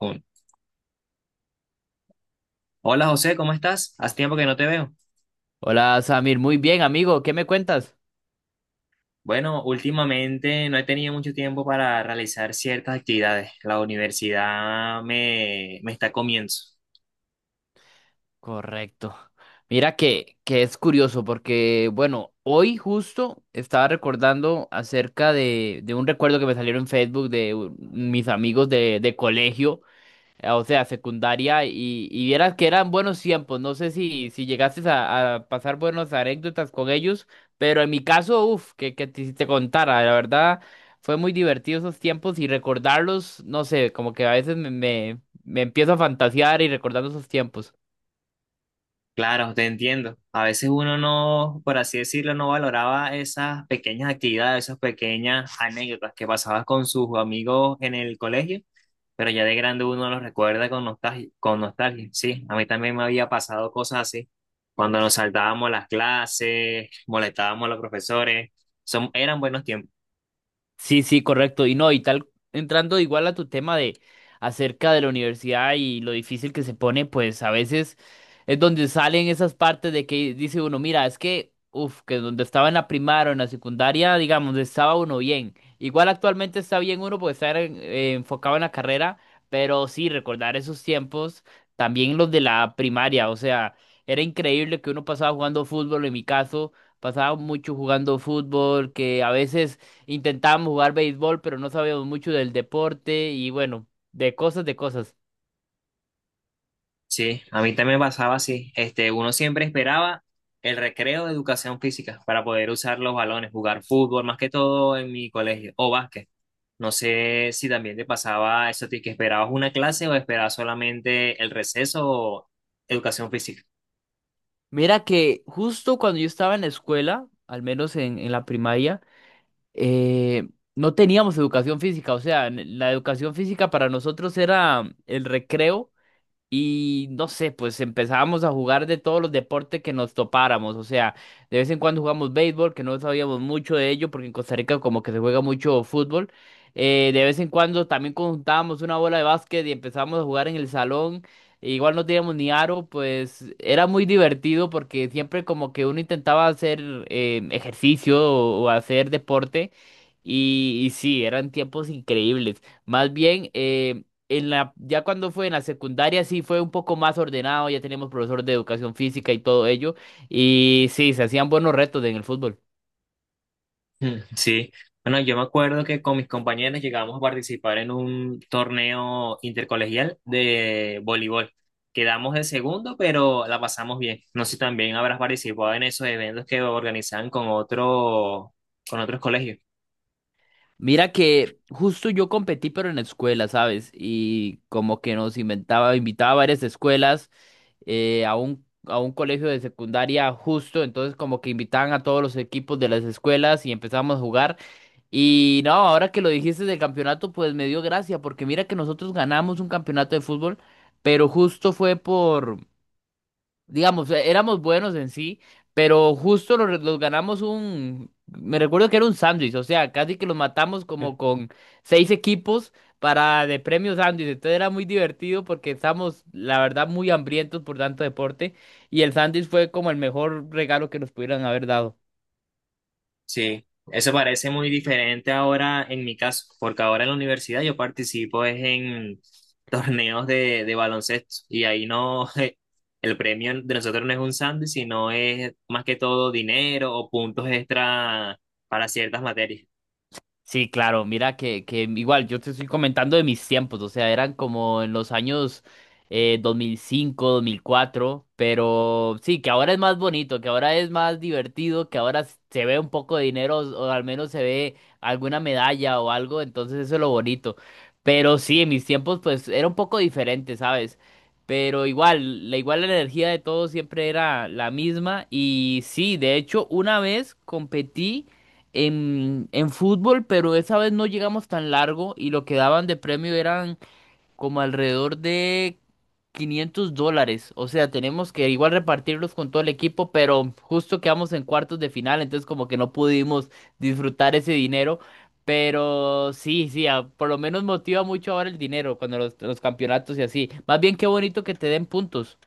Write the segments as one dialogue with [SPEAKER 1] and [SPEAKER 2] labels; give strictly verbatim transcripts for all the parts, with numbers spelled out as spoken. [SPEAKER 1] Un- Hola José, ¿cómo estás? Hace tiempo que no te veo.
[SPEAKER 2] Hola Samir, muy bien amigo, ¿qué me cuentas?
[SPEAKER 1] Bueno, últimamente no he tenido mucho tiempo para realizar ciertas actividades. La universidad me, me está comiendo.
[SPEAKER 2] Correcto. Mira que, que es curioso porque, bueno, hoy justo estaba recordando acerca de, de un recuerdo que me salieron en Facebook de u- mis amigos de, de colegio eh, o sea, secundaria, y, y vieras que eran buenos tiempos. No sé si, si llegaste a, a pasar buenas anécdotas con ellos, pero en mi caso, uff, que, que te, si te contara, la verdad, fue muy divertido esos tiempos y recordarlos, no sé, como que a veces me, me, me empiezo a fantasear y recordando esos tiempos.
[SPEAKER 1] Claro, te entiendo. A veces uno no, por así decirlo, no valoraba esas pequeñas actividades, esas pequeñas anécdotas que pasabas con sus amigos en el colegio, pero ya de grande uno los recuerda con nostalgia, con nostalgia. Sí, a mí también me había pasado cosas así, cuando nos saltábamos las clases, molestábamos a los profesores. Son, eran buenos tiempos.
[SPEAKER 2] Sí, sí, correcto. Y no, y tal, entrando igual a tu tema de acerca de la universidad y lo difícil que se pone, pues a veces es donde salen esas partes de que dice uno, mira, es que, uff, que donde estaba en la primaria o en la secundaria, digamos, estaba uno bien. Igual actualmente está bien uno porque está en- eh, enfocado en la carrera, pero sí, recordar esos tiempos, también los de la primaria, o sea, era increíble que uno pasaba jugando fútbol, en mi caso. Pasaba mucho jugando fútbol, que a veces intentábamos jugar béisbol, pero no sabíamos mucho del deporte y bueno, de cosas, de cosas.
[SPEAKER 1] Sí, a mí también me pasaba así. Este, uno siempre esperaba el recreo de educación física para poder usar los balones, jugar fútbol, más que todo en mi colegio, o básquet. No sé si también te pasaba eso, a ti, que esperabas una clase o esperabas solamente el receso o educación física.
[SPEAKER 2] Mira que justo cuando yo estaba en la escuela, al menos en, en la primaria, eh, no teníamos educación física. O sea, en- la educación física para nosotros era el recreo. Y no sé, pues empezábamos a jugar de todos los deportes que nos topáramos. O sea, de vez en cuando jugamos béisbol, que no sabíamos mucho de ello, porque en Costa Rica como que se juega mucho fútbol. Eh, de vez en cuando también conjuntábamos una bola de básquet y empezábamos a jugar en el salón. E igual no teníamos ni aro, pues era muy divertido porque siempre como que uno intentaba hacer eh, ejercicio o, o hacer deporte. Y, y sí, eran tiempos increíbles. Más bien, eh, en la, ya cuando fue en la secundaria sí fue un poco más ordenado, ya teníamos profesor de educación física y todo ello, y sí, se hacían buenos retos en el fútbol.
[SPEAKER 1] Mm, sí, bueno, yo me acuerdo que con mis compañeros llegamos a participar en un torneo intercolegial de voleibol. Quedamos de segundo, pero la pasamos bien. No sé si también habrás participado en esos eventos que organizan con otro, con otros colegios.
[SPEAKER 2] Mira que justo yo competí, pero en la escuela, ¿sabes? Y como que nos inventaba, invitaba a varias escuelas, eh, a un, a un colegio de secundaria justo, entonces como que invitaban a todos los equipos de las escuelas y empezamos a jugar. Y no, ahora que lo dijiste del campeonato, pues me dio gracia, porque mira que nosotros ganamos un campeonato de fútbol, pero justo fue por, digamos, eh, éramos buenos en sí, pero justo los, los ganamos un, me recuerdo que era un sándwich, o sea, casi que los matamos
[SPEAKER 1] Mm.
[SPEAKER 2] como con seis equipos para de premio sándwich, entonces era muy divertido porque estábamos, la verdad, muy hambrientos por tanto deporte, y el sándwich fue como el mejor regalo que nos pudieran haber dado.
[SPEAKER 1] Sí, eso parece muy diferente ahora en mi caso, porque ahora en la universidad yo participo es en torneos de, de baloncesto y ahí no, el premio de nosotros no es un sándwich, sino es más que todo dinero o puntos extra para ciertas materias.
[SPEAKER 2] Sí, claro, mira que, que igual yo te estoy comentando de mis tiempos, o sea, eran como en los años eh, dos mil cinco, dos mil cuatro. Pero sí, que ahora es más bonito, que ahora es más divertido, que ahora s- se ve un poco de dinero o al menos se ve alguna medalla o algo, entonces eso es lo bonito. Pero sí, en mis tiempos pues era un poco diferente, ¿sabes? Pero igual, la igual la energía de todos siempre era la misma y sí, de hecho, una vez competí en, en fútbol, pero esa vez no llegamos tan largo y lo que daban de premio eran como alrededor de quinientos dólares. O sea, tenemos que igual repartirlos con todo el equipo, pero justo quedamos en cuartos de final, entonces como que no pudimos disfrutar ese dinero. Pero sí, sí, a- por lo menos motiva mucho ahora el dinero cuando los, los campeonatos y así. Más bien qué bonito que te den puntos.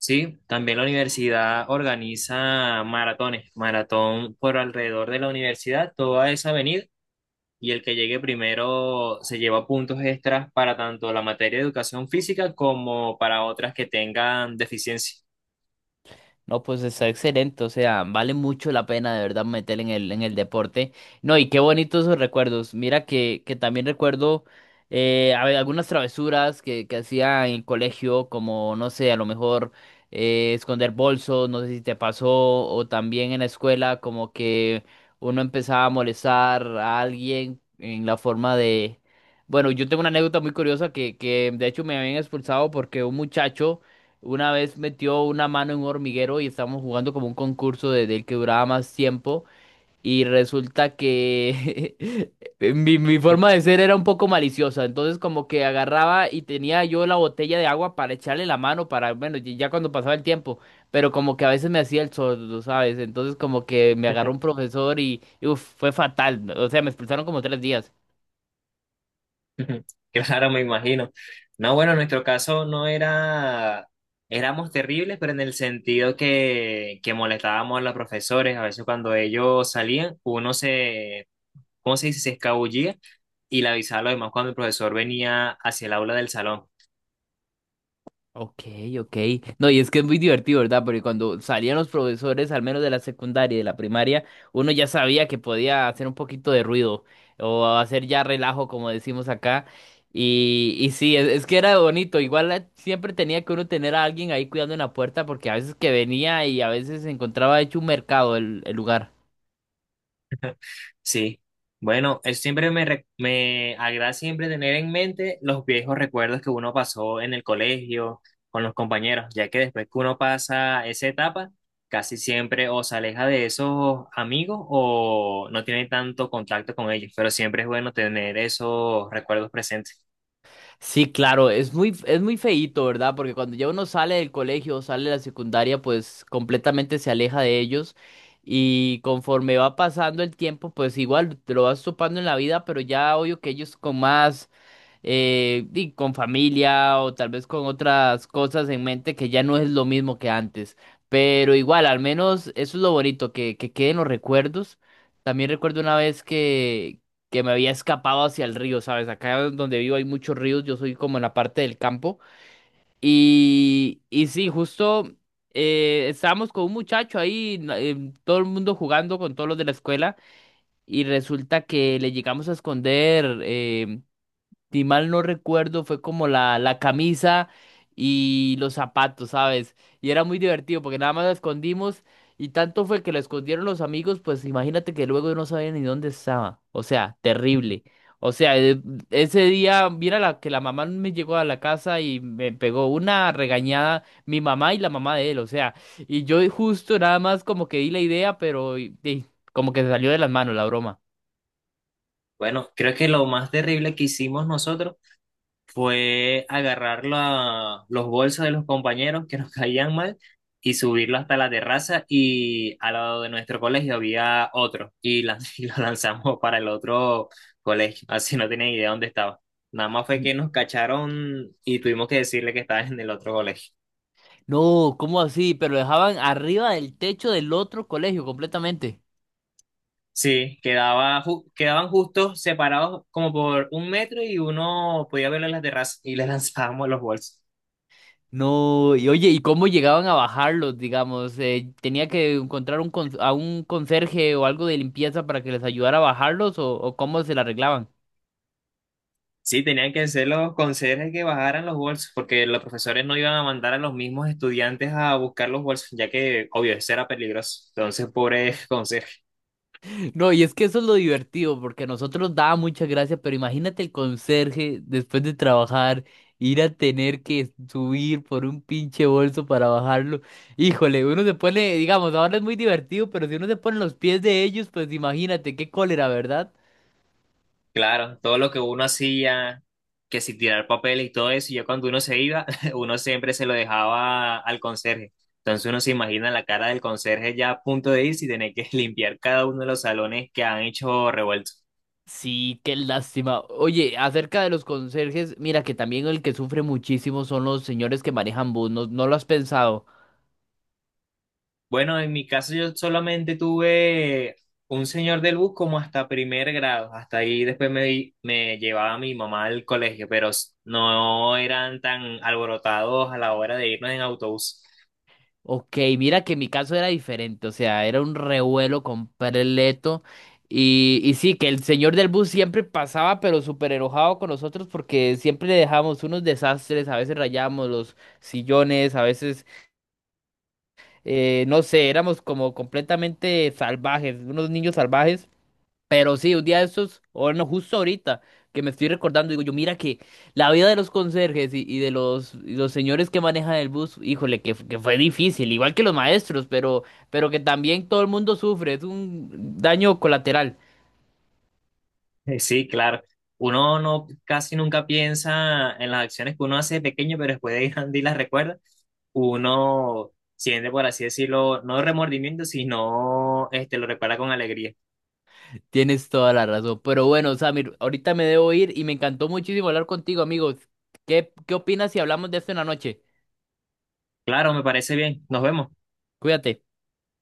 [SPEAKER 1] Sí, también la universidad organiza maratones, maratón por alrededor de la universidad, toda esa avenida, y el que llegue primero se lleva puntos extras para tanto la materia de educación física como para otras que tengan deficiencia.
[SPEAKER 2] No, pues está excelente, o sea, vale mucho la pena de verdad meter en el, en el deporte. No, y qué bonitos esos recuerdos. Mira que, que también recuerdo eh, a- algunas travesuras que, que hacía en el colegio, como, no sé, a lo mejor eh, esconder bolsos, no sé si te pasó, o también en la escuela, como que uno empezaba a molestar a alguien en la forma de. Bueno, yo tengo una anécdota muy curiosa que, que de hecho me habían expulsado porque un muchacho. Una vez metió una mano en un hormiguero y estábamos jugando como un concurso de, del que duraba más tiempo. Y resulta que mi, mi forma de ser era un poco maliciosa. Entonces como que agarraba y tenía yo la botella de agua para echarle la mano para, bueno, y ya cuando pasaba el tiempo. Pero como que a veces me hacía el sordo, ¿sabes? Entonces como que me agarró un profesor y, y, uf, fue fatal. O sea, me expulsaron como tres días.
[SPEAKER 1] Claro, me imagino. No, bueno, en nuestro caso no era, éramos terribles, pero en el sentido que, que molestábamos a los profesores. A veces cuando ellos salían, uno se, ¿cómo se dice? Se escabullía y le avisaba a los demás cuando el profesor venía hacia el aula del salón.
[SPEAKER 2] Ok, ok. No, y es que es muy divertido, ¿verdad? Porque cuando salían los profesores, al menos de la secundaria y de la primaria, uno ya sabía que podía hacer un poquito de ruido o hacer ya relajo, como decimos acá. Y, y sí, es, es que era bonito. Igual eh, siempre tenía que uno tener a alguien ahí cuidando en la puerta porque a veces que venía y a veces se encontraba hecho un mercado el el lugar.
[SPEAKER 1] Sí, bueno, es siempre me, re- me agrada siempre tener en mente los viejos recuerdos que uno pasó en el colegio con los compañeros, ya que después que uno pasa esa etapa, casi siempre o se aleja de esos amigos o no tiene tanto contacto con ellos, pero siempre es bueno tener esos recuerdos presentes.
[SPEAKER 2] Sí, claro, es muy, es muy feíto, ¿verdad? Porque cuando ya uno sale del colegio o sale de la secundaria, pues completamente se aleja de ellos. Y conforme va pasando el tiempo, pues igual te lo vas topando en la vida, pero ya obvio que ellos con más, eh, y con familia o tal vez con otras cosas en mente que ya no es lo mismo que antes. Pero igual, al menos eso es lo bonito, que, que queden los recuerdos. También recuerdo una vez que me había escapado hacia el río, ¿sabes? Acá donde vivo hay muchos ríos, yo soy como en la parte del campo. Y, y sí, justo eh, estábamos con un muchacho ahí, na- em, todo el mundo jugando con todos los de la escuela, y resulta que le llegamos a esconder. Em, si mal no recuerdo, fue como la, la camisa y los zapatos, ¿sabes? Y era muy divertido porque nada más lo escondimos y tanto fue que lo escondieron los amigos, pues imagínate que luego no sabían ni dónde estaba. O sea, terrible. O sea, e- ese día, mira la, que la mamá me llegó a la casa y me pegó una regañada mi mamá y la mamá de él, o sea, y yo justo nada más como que di la idea, pero y- y como que se salió de las manos la broma.
[SPEAKER 1] Bueno, creo que lo más terrible que hicimos nosotros fue agarrar la- los bolsos de los compañeros que nos caían mal y subirlo hasta la terraza y al lado de nuestro colegio había otro y, lan- y lo lanzamos para el otro colegio, así no tenía idea dónde estaba. Nada más fue que nos cacharon y tuvimos que decirle que estaba en el otro colegio.
[SPEAKER 2] No, ¿cómo así? Pero dejaban arriba del techo del otro colegio completamente.
[SPEAKER 1] Sí, quedaba, ju- quedaban justos separados como por un metro y uno podía verlo en la terraza y le lanzábamos los bolsos.
[SPEAKER 2] No, y oye, ¿y cómo llegaban a bajarlos, digamos? Eh, ¿tenía que encontrar un con- a un conserje o algo de limpieza para que les ayudara a bajarlos o, o cómo se la arreglaban?
[SPEAKER 1] Sí, tenían que ser los conserjes que bajaran los bolsos, porque los profesores no iban a mandar a los mismos estudiantes a buscar los bolsos, ya que, obvio, eso era peligroso. Entonces, pobre conserje.
[SPEAKER 2] No, y es que eso es lo divertido, porque a nosotros daba mucha gracia, pero imagínate el conserje después de trabajar, ir a tener que subir por un pinche bolso para bajarlo. Híjole, uno se pone, digamos, ahora es muy divertido, pero si uno se pone en los pies de ellos, pues imagínate, qué cólera, ¿verdad?
[SPEAKER 1] Claro, todo lo que uno hacía, que si tirar papeles y todo eso, ya cuando uno se iba, uno siempre se lo dejaba al conserje. Entonces, uno se imagina la cara del conserje ya a punto de irse y tener que limpiar cada uno de los salones que han hecho revuelto.
[SPEAKER 2] Sí, qué lástima. Oye, acerca de los conserjes, mira que también el que sufre muchísimo son los señores que manejan bus, ¿no, no lo has pensado?
[SPEAKER 1] Bueno, en mi caso yo solamente tuve un señor del bus como hasta primer grado, hasta ahí después me, me llevaba mi mamá al colegio, pero s- no eran tan alborotados a la hora de irnos en autobús.
[SPEAKER 2] Ok, mira que mi caso era diferente, o sea, era un revuelo completo. Y, y sí, que el señor del bus siempre pasaba, pero súper enojado con nosotros porque siempre le dejábamos unos desastres, a veces rayábamos los sillones, a veces, eh, no sé, éramos como completamente salvajes, unos niños salvajes. Pero sí, un día de estos, o bueno, justo ahorita que me estoy recordando, digo yo, mira que la vida de los conserjes y, y de los, y los señores que manejan el bus, híjole, que, que fue difícil, igual que los maestros, pero, pero que también todo el mundo sufre, es un daño colateral.
[SPEAKER 1] Eh, Sí, claro, uno no casi nunca piensa en las acciones que uno hace de pequeño, pero después de grande y las recuerda, uno siente, por así decirlo, no remordimiento, sino este, lo recuerda con alegría.
[SPEAKER 2] Tienes toda la razón. Pero bueno, Samir, ahorita me debo ir y me encantó muchísimo hablar contigo, amigos. ¿Qué, qué opinas si hablamos de esto en la noche?
[SPEAKER 1] Claro, me parece bien, nos vemos.
[SPEAKER 2] Cuídate.